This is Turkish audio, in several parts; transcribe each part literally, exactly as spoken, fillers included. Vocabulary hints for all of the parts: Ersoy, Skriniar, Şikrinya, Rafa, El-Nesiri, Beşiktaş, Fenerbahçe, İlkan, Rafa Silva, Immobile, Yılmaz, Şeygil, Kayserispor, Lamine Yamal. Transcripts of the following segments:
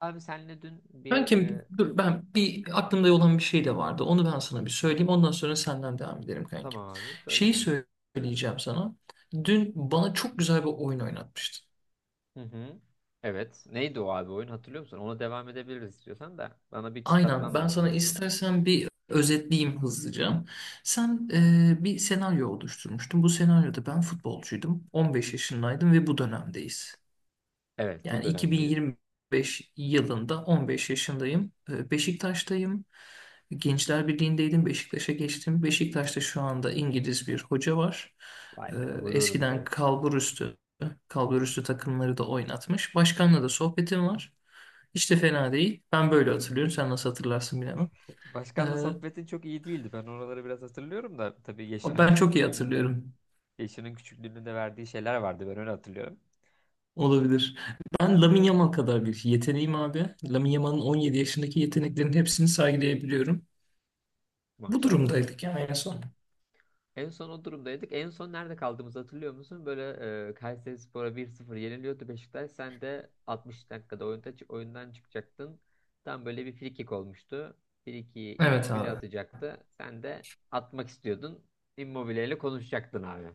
Abi senle dün bir, Kankim e, dur ben bir aklımda olan bir şey de vardı. Onu ben sana bir söyleyeyim. Ondan sonra senden devam edelim kankim. tamam abi söyle Şeyi kanka. söyleyeceğim sana. Dün bana çok güzel bir oyun oynatmıştın. Hı hı. Evet. Neydi o abi oyun, hatırlıyor musun? Ona devam edebiliriz istiyorsan da. Bana bir Aynen çıtlatman ben lazım sana en son. istersen bir özetleyeyim hızlıca. Sen e, bir senaryo oluşturmuştun. Bu senaryoda ben futbolcuydum. on beş yaşındaydım ve bu dönemdeyiz. Evet, bu Yani dönemdeyiz. iki bin yirmi beş yılında on beş yaşındayım. Ee, Beşiktaş'tayım. Gençler Birliği'ndeydim. Beşiktaş'a geçtim. Beşiktaş'ta şu anda İngiliz bir hoca var. Vay Ee, be, gururumuz, Eskiden evet. kalburüstü, kalburüstü takımları da oynatmış. Başkanla da sohbetim var. Hiç de fena değil. Ben böyle hatırlıyorum. Sen nasıl hatırlarsın bilemem. Ee, Başkanla sohbetin çok iyi değildi. Ben oraları biraz hatırlıyorum da tabii, yaşının ben çok iyi küçüklüğünü de hatırlıyorum. yaşının küçüklüğünü de verdiği şeyler vardı. Ben öyle hatırlıyorum. Olabilir. Ben Lamine Yamal kadar bir yeteneğim abi. Lamine Yamal'ın on yedi yaşındaki yeteneklerin hepsini sergileyebiliyorum. Bu Maşallah. durumdaydık yani en son. En son o durumdaydık. En son nerede kaldığımızı hatırlıyor musun? Böyle e, Kayserispor'a bir sıfır yeniliyordu Beşiktaş. Sen de altmış dakikada oyunda, oyundan çıkacaktın. Tam böyle bir frikik olmuştu. Frikiyi Evet Immobile abi. atacaktı. Sen de atmak istiyordun. Immobile ile konuşacaktın abi.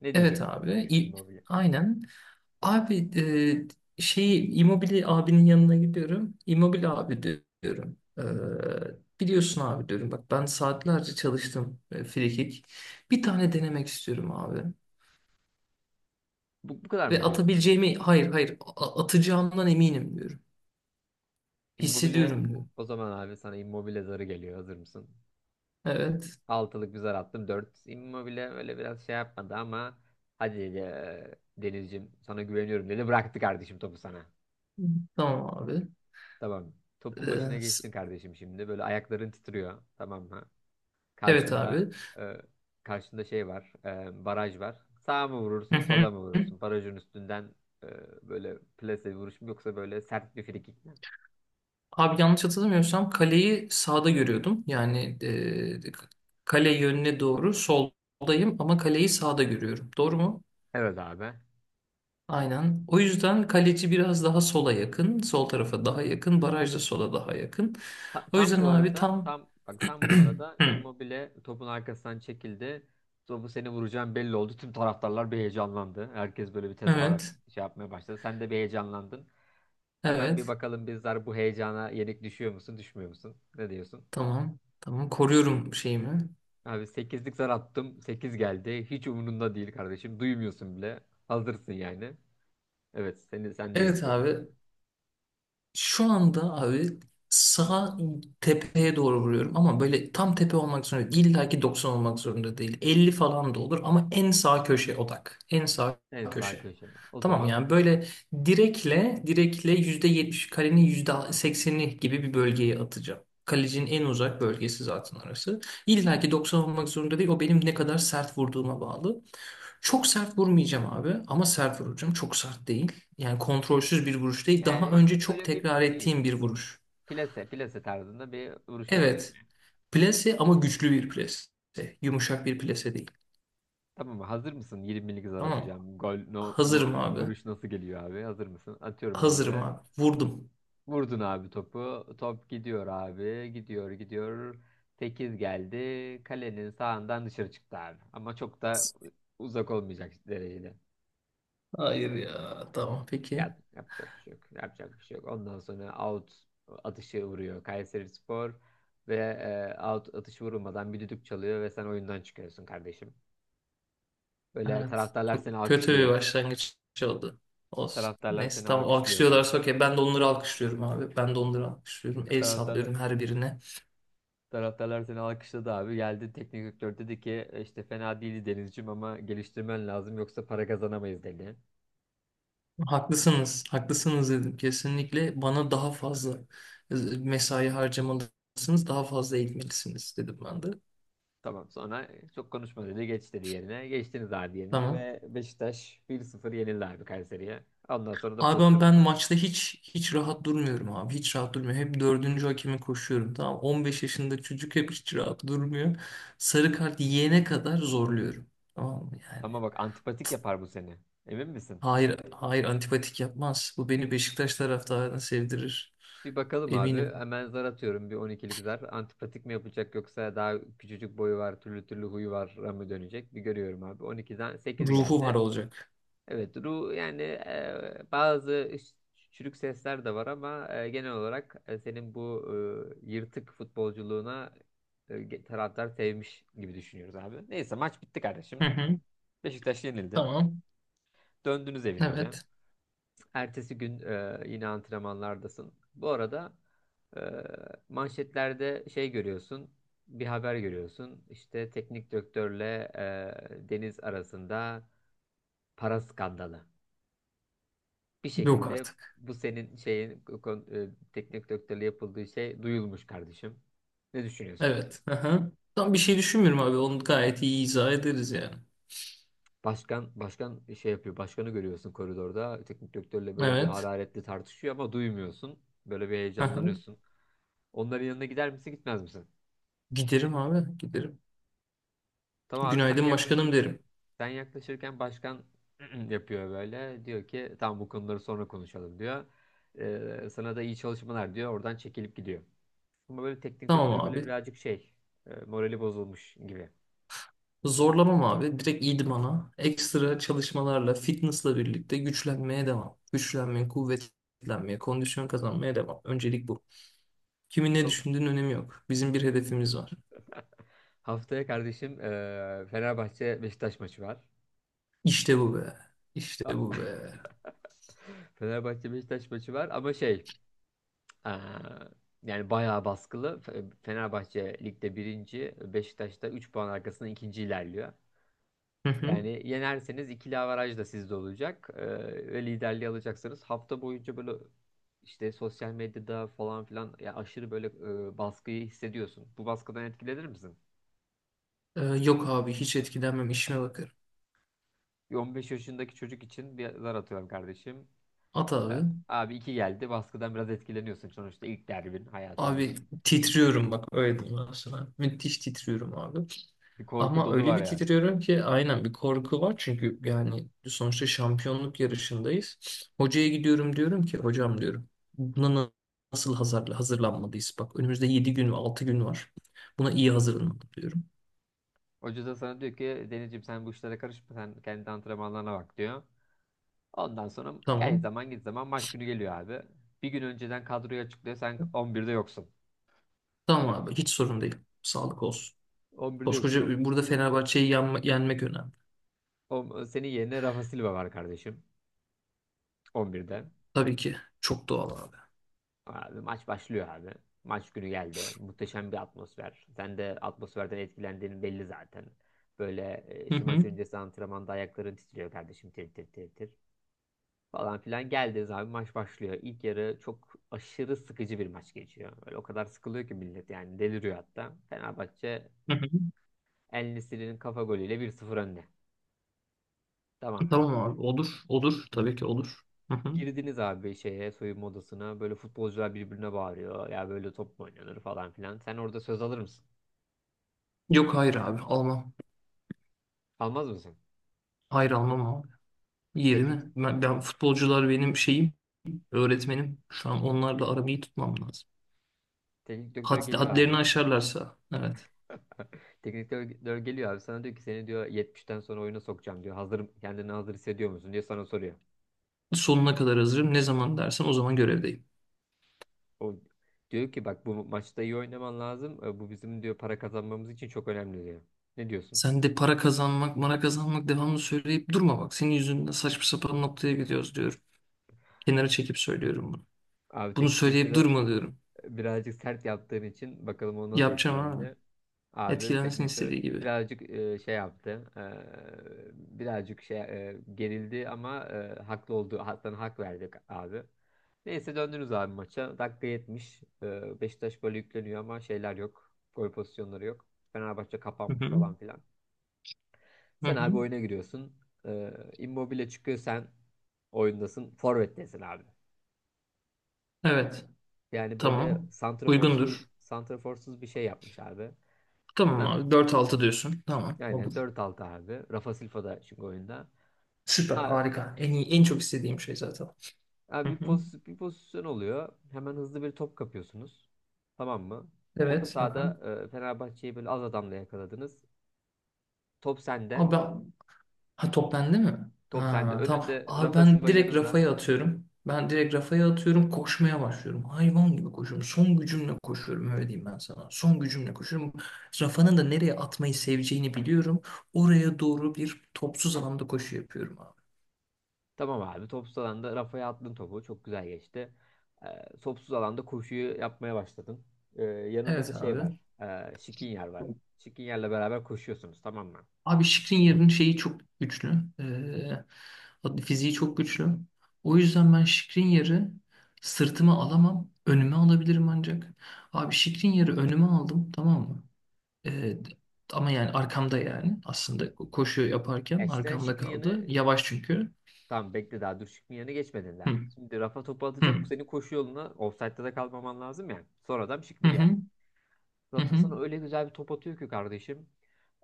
Ne Evet diyeceksin abi. Immobile? İ- Immobile. Aynen. Abi e, şeyi Immobile abinin yanına gidiyorum. Immobile abi di- diyorum. E, biliyorsun abi diyorum. Bak ben saatlerce çalıştım e, free kick. Bir tane denemek istiyorum abi. Bu, bu kadar Ve mı diyorsun abi? atabileceğimi hayır hayır a- atacağımdan eminim diyorum. Immobile, Hissediyorum diyorum. o zaman abi sana Immobile zarı geliyor. Hazır mısın? Evet. Altılık bir zar attım. dört, Immobile öyle biraz şey yapmadı ama hadi, eee, Denizciğim sana güveniyorum dedi. Bıraktı kardeşim topu sana. Tamam abi. Tamam. E, Topun başına s- geçtin kardeşim şimdi. Böyle ayakların titriyor. Tamam mı? evet Karşında abi. eee, karşında şey var. Eee, baraj var. Sağa mı Hı vurursun, hı. sola mı vurursun? Barajın üstünden eee, böyle plase vuruş mu, yoksa böyle sert bir frikik mi? Abi yanlış hatırlamıyorsam kaleyi sağda görüyordum. Yani e, kale yönüne doğru soldayım ama kaleyi sağda görüyorum. Doğru mu? Evet abi. Aynen. O yüzden kaleci biraz daha sola yakın, sol tarafa daha yakın, baraj da sola daha yakın. Ta- O tam yüzden bu abi arada tam tam bak tam bu arada Hı. Immobile topun arkasından çekildi. Topu seni vuracağım belli oldu. Tüm taraftarlar bir heyecanlandı. Herkes böyle bir tezahürat Evet, şey yapmaya başladı. Sen de bir heyecanlandın. Hemen bir evet. bakalım, bizler bu heyecana yenik düşüyor musun, düşmüyor musun? Ne diyorsun? Tamam. Tamam. Koruyorum şeyimi. Abi sekizlik zar attım. Sekiz geldi. Hiç umurunda değil kardeşim. Duymuyorsun bile. Hazırsın yani. Evet, seni sendeyiz Evet Denizciğim. abi. Şu anda abi sağ tepeye doğru vuruyorum ama böyle tam tepe olmak zorunda değil. İlla ki doksan olmak zorunda değil. Elli falan da olur ama en sağ köşe odak. En sağ En sağ köşe. köşe. O Tamam zaman yani böyle direkle direkle yüzde yetmiş kalenin yüzde sekseni gibi bir bölgeye atacağım. Kalecinin en uzak bölgesi zaten orası. İlla ki doksan olmak zorunda değil. O benim ne kadar sert vurduğuma bağlı. Çok sert vurmayacağım abi ama sert vuracağım. Çok sert değil. Yani kontrolsüz bir vuruş değil. Daha yani önce çok böyle bir tekrar şey, ettiğim bir vuruş. plase plase tarzında bir vuruş yapıyorsun. Evet. Plase ama güçlü bir plase. Yumuşak bir plase değil. Tamam mı? Hazır mısın? yirmilik zar Tamam mı? atacağım. Gol, no, no, Hazırım abi. vuruş nasıl geliyor abi? Hazır mısın? Atıyorum Hazırım abi. abi. Vurdum. Vurdun abi topu. Top gidiyor abi. Gidiyor gidiyor. sekiz geldi. Kalenin sağından dışarı çıktı abi. Ama çok da uzak olmayacak derecede. Hayır ya. Tamam peki. Ya, yapacak bir şey yok. Yapacak bir şey yok. Ondan sonra out atışı vuruyor Kayserispor ve e, out atışı vurulmadan bir düdük çalıyor ve sen oyundan çıkıyorsun kardeşim. Böyle Evet. taraftarlar Çok seni kötü bir alkışlıyor. başlangıç oldu. Olsun. Taraftarlar Neyse seni tamam alkışlıyor kanka. alkışlıyorlar okey. Ben de onları alkışlıyorum abi. Ben de onları alkışlıyorum. El Taraftarlar, sallıyorum her birine. taraftarlar seni alkışladı abi. Geldi teknik direktör, dedi ki "E, işte fena değildi Denizciğim ama geliştirmen lazım yoksa para kazanamayız" dedi. Haklısınız, haklısınız dedim. Kesinlikle bana daha fazla e, mesai harcamalısınız, daha fazla eğitmelisiniz dedim ben de. Tamam sonra e, çok konuşma dedi, geç dedi yerine. Geçtiniz abi yerine Tamam. ve Beşiktaş bir sıfır yenildi abi Kayseri'ye. Ondan sonra da Abi ben pozisyon ben var. maçta hiç hiç rahat durmuyorum abi. Hiç rahat durmuyorum. Hep dördüncü hakeme koşuyorum. Tamam. On beş yaşında çocuk hep hiç rahat durmuyor. Sarı kart yiyene kadar zorluyorum. Tamam mı yani? Ama bak, antipatik yapar bu seni. Emin misin? Hayır, hayır antipatik yapmaz. Bu beni Beşiktaş taraftarına sevdirir. Bir bakalım abi. Eminim. Hemen zar atıyorum, bir on ikilik zar. Antipatik mi yapacak, yoksa daha küçücük boyu var, türlü türlü huyu var mı dönecek? Bir görüyorum abi. on ikiden sekiz Ruhu var geldi. olacak. Evet, ru yani, e, bazı ş- çürük sesler de var ama e, genel olarak e, senin bu e, yırtık futbolculuğuna e, ge- taraftar sevmiş gibi düşünüyoruz abi. Neyse, maç bitti kardeşim. Hı hı. Beşiktaş yenildi. Tamam. Döndünüz evinize. Evet. Ertesi gün e, yine antrenmanlardasın. Bu arada e, manşetlerde şey görüyorsun, bir haber görüyorsun. İşte teknik direktörle e, Deniz arasında para skandalı. Bir Yok şekilde artık. bu senin şeyin kon- e, teknik direktörle yapıldığı şey duyulmuş kardeşim. Ne düşünüyorsun? Evet. Aha. Tam bir şey düşünmüyorum abi. Onu gayet iyi izah ederiz yani. Başkan başkan şey yapıyor. Başkanı görüyorsun koridorda. Teknik direktörle böyle bir Evet. hararetli tartışıyor ama duymuyorsun. Böyle bir Aha. heyecanlanıyorsun. Onların yanına gider misin, gitmez misin? Giderim abi. Giderim. Tamam abi, sen Günaydın başkanım yaklaşık derim. sen yaklaşırken başkan yapıyor böyle. Diyor ki, tamam bu konuları sonra konuşalım diyor. Ee, sana da iyi çalışmalar diyor. Oradan çekilip gidiyor. Ama böyle teknik Tamam direktör böyle abi. birazcık şey, e, morali bozulmuş gibi. Zorlamam abi. Direkt idmana. Ekstra çalışmalarla, fitnessla birlikte güçlenmeye devam. Güçlenmeye, kuvvetlenmeye, kondisyon kazanmaya devam. Öncelik bu. Kimin ne Tamam. düşündüğünün önemi yok. Bizim bir hedefimiz var. Haftaya kardeşim e, Fenerbahçe Beşiktaş maçı var. İşte bu be. İşte A- bu be. Fenerbahçe Beşiktaş maçı var ama şey, e, yani bayağı baskılı. Fe- Fenerbahçe ligde birinci, Beşiktaş da üç puan arkasında ikinci ilerliyor. Hı hı. Yani yenerseniz ikili averaj da sizde olacak. Ee, ve liderliği alacaksınız. Hafta boyunca böyle işte sosyal medyada falan filan, ya aşırı böyle e, baskıyı hissediyorsun. Bu baskıdan etkilenir misin? Ee, yok abi hiç etkilenmem, işime bakarım. Bir on beş yaşındaki çocuk için bir zar atıyorum kardeşim. At E, abi. Abi iki geldi. Baskıdan biraz etkileniyorsun. Sonuçta ilk derbin Abi hayatındaki. titriyorum bak öyle diyeyim ben sana. Müthiş titriyorum abi. Bir korku Ama dolu öyle var bir yani. titriyorum ki aynen bir korku var. Çünkü yani sonuçta şampiyonluk yarışındayız. Hocaya gidiyorum diyorum ki hocam diyorum. Buna na- nasıl hazır, hazırlanmalıyız? Bak önümüzde yedi gün ve altı gün var. Buna iyi hazırlanmalı diyorum. Hoca da sana diyor ki, Denizciğim sen bu işlere karışma. Sen kendi antrenmanlarına bak diyor. Ondan sonra gel Tamam. zaman git zaman maç günü geliyor abi. Bir gün önceden kadroyu açıklıyor. Sen on birde yoksun. Tamam abi hiç sorun değil. Sağlık olsun. on birde yoksun. Koskoca burada Fenerbahçe'yi yenme- yenmek önemli. O, o- senin yerine Rafa Silva var kardeşim. on birde. Tabii ki. Çok doğal abi. Abi maç başlıyor abi. Maç günü geldi. Muhteşem bir atmosfer. Sen de atmosferden etkilendiğin belli zaten. Böyle e, Hı işte maç hı. öncesi antrenmanda ayakların titriyor kardeşim. Tir tir tir tir. Falan filan geldiniz abi, maç başlıyor. İlk yarı çok aşırı sıkıcı bir maç geçiyor. Böyle o kadar sıkılıyor ki millet, yani deliriyor hatta. Fenerbahçe Hı hı. El-Nesiri'nin kafa golüyle bir sıfır önde. Tamam mı? Tamam abi olur. Olur. Tabii ki olur. Hı hı. Girdiniz abi şeye, soyunma odasına. Böyle futbolcular birbirine bağırıyor. Ya böyle top mu oynanır falan filan. Sen orada söz alır mısın? Yok hayır abi almam. Almaz mısın? Hayır almam abi. Yerine Teknik ben, ben futbolcular benim şeyim, öğretmenim. Şu an onlarla aramı iyi tutmam lazım. teknik direktör Had, geliyor hadlerini abi. aşarlarsa evet. Teknik direktör geliyor abi. Sana diyor ki, seni diyor yetmişten sonra oyuna sokacağım diyor. Hazır kendini hazır hissediyor musun diye sana soruyor. Sonuna kadar hazırım. Ne zaman dersen o zaman görevdeyim. O diyor ki, bak bu maçta iyi oynaman lazım. E, Bu bizim diyor para kazanmamız için çok önemli diyor. Ne diyorsun? Sen de para kazanmak, mara kazanmak devamlı söyleyip durma bak. Senin yüzünden saçma sapan noktaya gidiyoruz diyorum. Kenara çekip söylüyorum bunu. Abi, Bunu teknik söyleyip direktörü durma diyorum. birazcık sert yaptığın için bakalım o nasıl Yapacağım abi. etkilendi. Abi teknik Etkilensin direktör istediği gibi. birazcık e, şey yaptı. E, birazcık şey e, gerildi ama e, haklı olduğu, sana hak verdik abi. Neyse, döndünüz abi maça. Dakika yetmiş, E, Beşiktaş böyle yükleniyor ama şeyler yok. Gol pozisyonları yok. Fenerbahçe Hı kapanmış hı. falan filan. Hı Sen hı. abi oyuna giriyorsun. E, Immobile çıkıyor, sen oyundasın. Forvet'tesin abi. Evet. Yani böyle Tamam. santraforsuz Uygundur. santraforsuz bir şey yapmış abi. Tamam Hemen, abi dört altı diyorsun. Tamam yani olur. dört altı abi. Rafa Silva da çünkü oyunda. Süper A- harika. En iyi, en çok istediğim şey zaten. Hı Abi, bir, hı. pozisyon, bir pozisyon oluyor. Hemen hızlı bir top kapıyorsunuz. Tamam mı? Orta Evet. Hı. sahada e, Fenerbahçe'yi böyle az adamla yakaladınız. Top sende. Abi ben- ha, top bende mi? Top sende. Ha, tamam. Önünde Abi Rafa ben Silva, direkt yanında. Rafa'ya atıyorum. Ben direkt Rafa'ya atıyorum. Koşmaya başlıyorum. Hayvan gibi koşuyorum. Son gücümle koşuyorum öyle diyeyim ben sana. Son gücümle koşuyorum. Rafa'nın da nereye atmayı seveceğini biliyorum. Oraya doğru bir topsuz alanda koşu yapıyorum abi. Tamam abi. Topsuz alanda Rafa'ya attın topu. Çok güzel geçti. E, topsuz alanda koşuyu yapmaya başladın. E, yanında da Evet şey abi. var. E, Skriniar var. Skriniar'la beraber koşuyorsunuz. Tamam mı? Abi Şikrin şeyi çok güçlü. Ee, adı- fiziği çok güçlü. O yüzden ben Şikrin sırtıma alamam. Önüme alabilirim ancak. Abi Şikrin önüme aldım, tamam mı? Ee, ama yani arkamda yani. Aslında koşu yaparken Yani, arkamda Şikrin yanı kaldı. Yavaş çünkü. tamam bekle, daha Dürşik'in yerine geçmedin. Hı, Şimdi Rafa topu atacak. hı, Senin koşu yoluna ofsaytta da kalmaman lazım ya. Sonradan adam yer. hı, hı, Rafa hı. Hı. sana öyle güzel bir top atıyor ki kardeşim.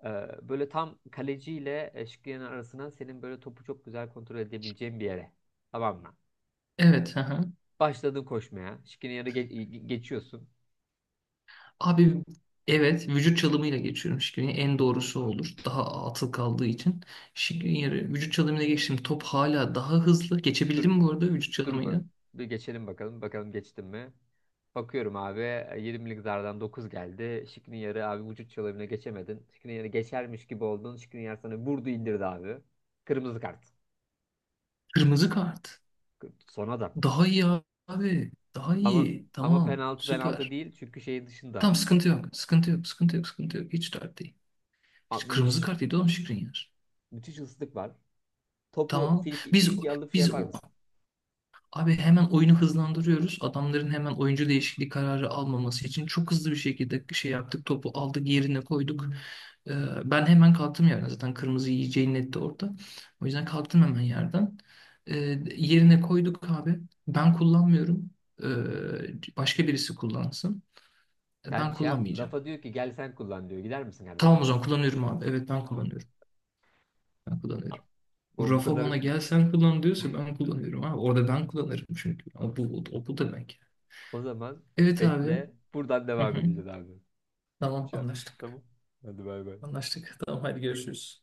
Ee, Böyle tam kaleciyle e, Şikriye'nin arasına, senin böyle topu çok güzel kontrol edebileceğin bir yere. Tamam mı? Evet. Hı hı. Başladın koşmaya. Şikriye'ye geçiyorsun. Abi evet, vücut çalımıyla geçiyorum Şikrinya'ya. En doğrusu olur. Daha atıl kaldığı için. Şikrinya'yı vücut çalımıyla geçtim. Top hala daha hızlı. Dur, Geçebildim bu arada vücut dur çalımıyla. bak. Bir geçelim bakalım. Bakalım geçtim mi? Bakıyorum abi, yirmilik zardan dokuz geldi. Şikniyar'ı abi vücut çalımına geçemedin. Şikniyar'ı geçermiş gibi oldun. Şikniyar sana vurdu indirdi abi. Kırmızı kart. Kırmızı kart. K- Son adam. Daha iyi abi. Daha Ama iyi. ama Tamam. penaltı penaltı Süper. değil, çünkü şeyin dışında. Tamam, sıkıntı yok. Sıkıntı yok. Sıkıntı yok. Sıkıntı yok. Hiç dert değil. Hiç Abi, kırmızı müthiş kart yedi oğlum Şikrinyar. müthiş ıslık var. Topu Tamam. friki, Biz frikiye alıp şey biz yapar o mısın? Abi hemen oyunu hızlandırıyoruz. Adamların hemen oyuncu değişikliği kararı almaması için çok hızlı bir şekilde şey yaptık. Topu aldık, yerine koyduk. Ee, ben hemen kalktım yerden. Zaten kırmızı yiyeceği netti orada. O yüzden kalktım hemen yerden. Ee, yerine koyduk abi. Ben kullanmıyorum. Ee, başka birisi kullansın. Ee, Sen Ben şey yap, kullanmayacağım. Rafa diyor ki gel sen kullan diyor. Gider misin Tamam, kardeşim? o zaman kullanıyorum abi. Evet, ben kullanıyorum. Ben kullanıyorum. Bu O bu Rafa kadar, bana gel sen kullan diyorsa ben kullanıyorum abi. Orada ben kullanırım çünkü. Ama bu, o bu demek. Yani. o zaman Evet abi. bekle. Buradan Hı devam hı. edeceğiz abi. Tamam, Ya, anlaştık. tamam. Hadi bay bay. Anlaştık. Tamam, hadi görüşürüz.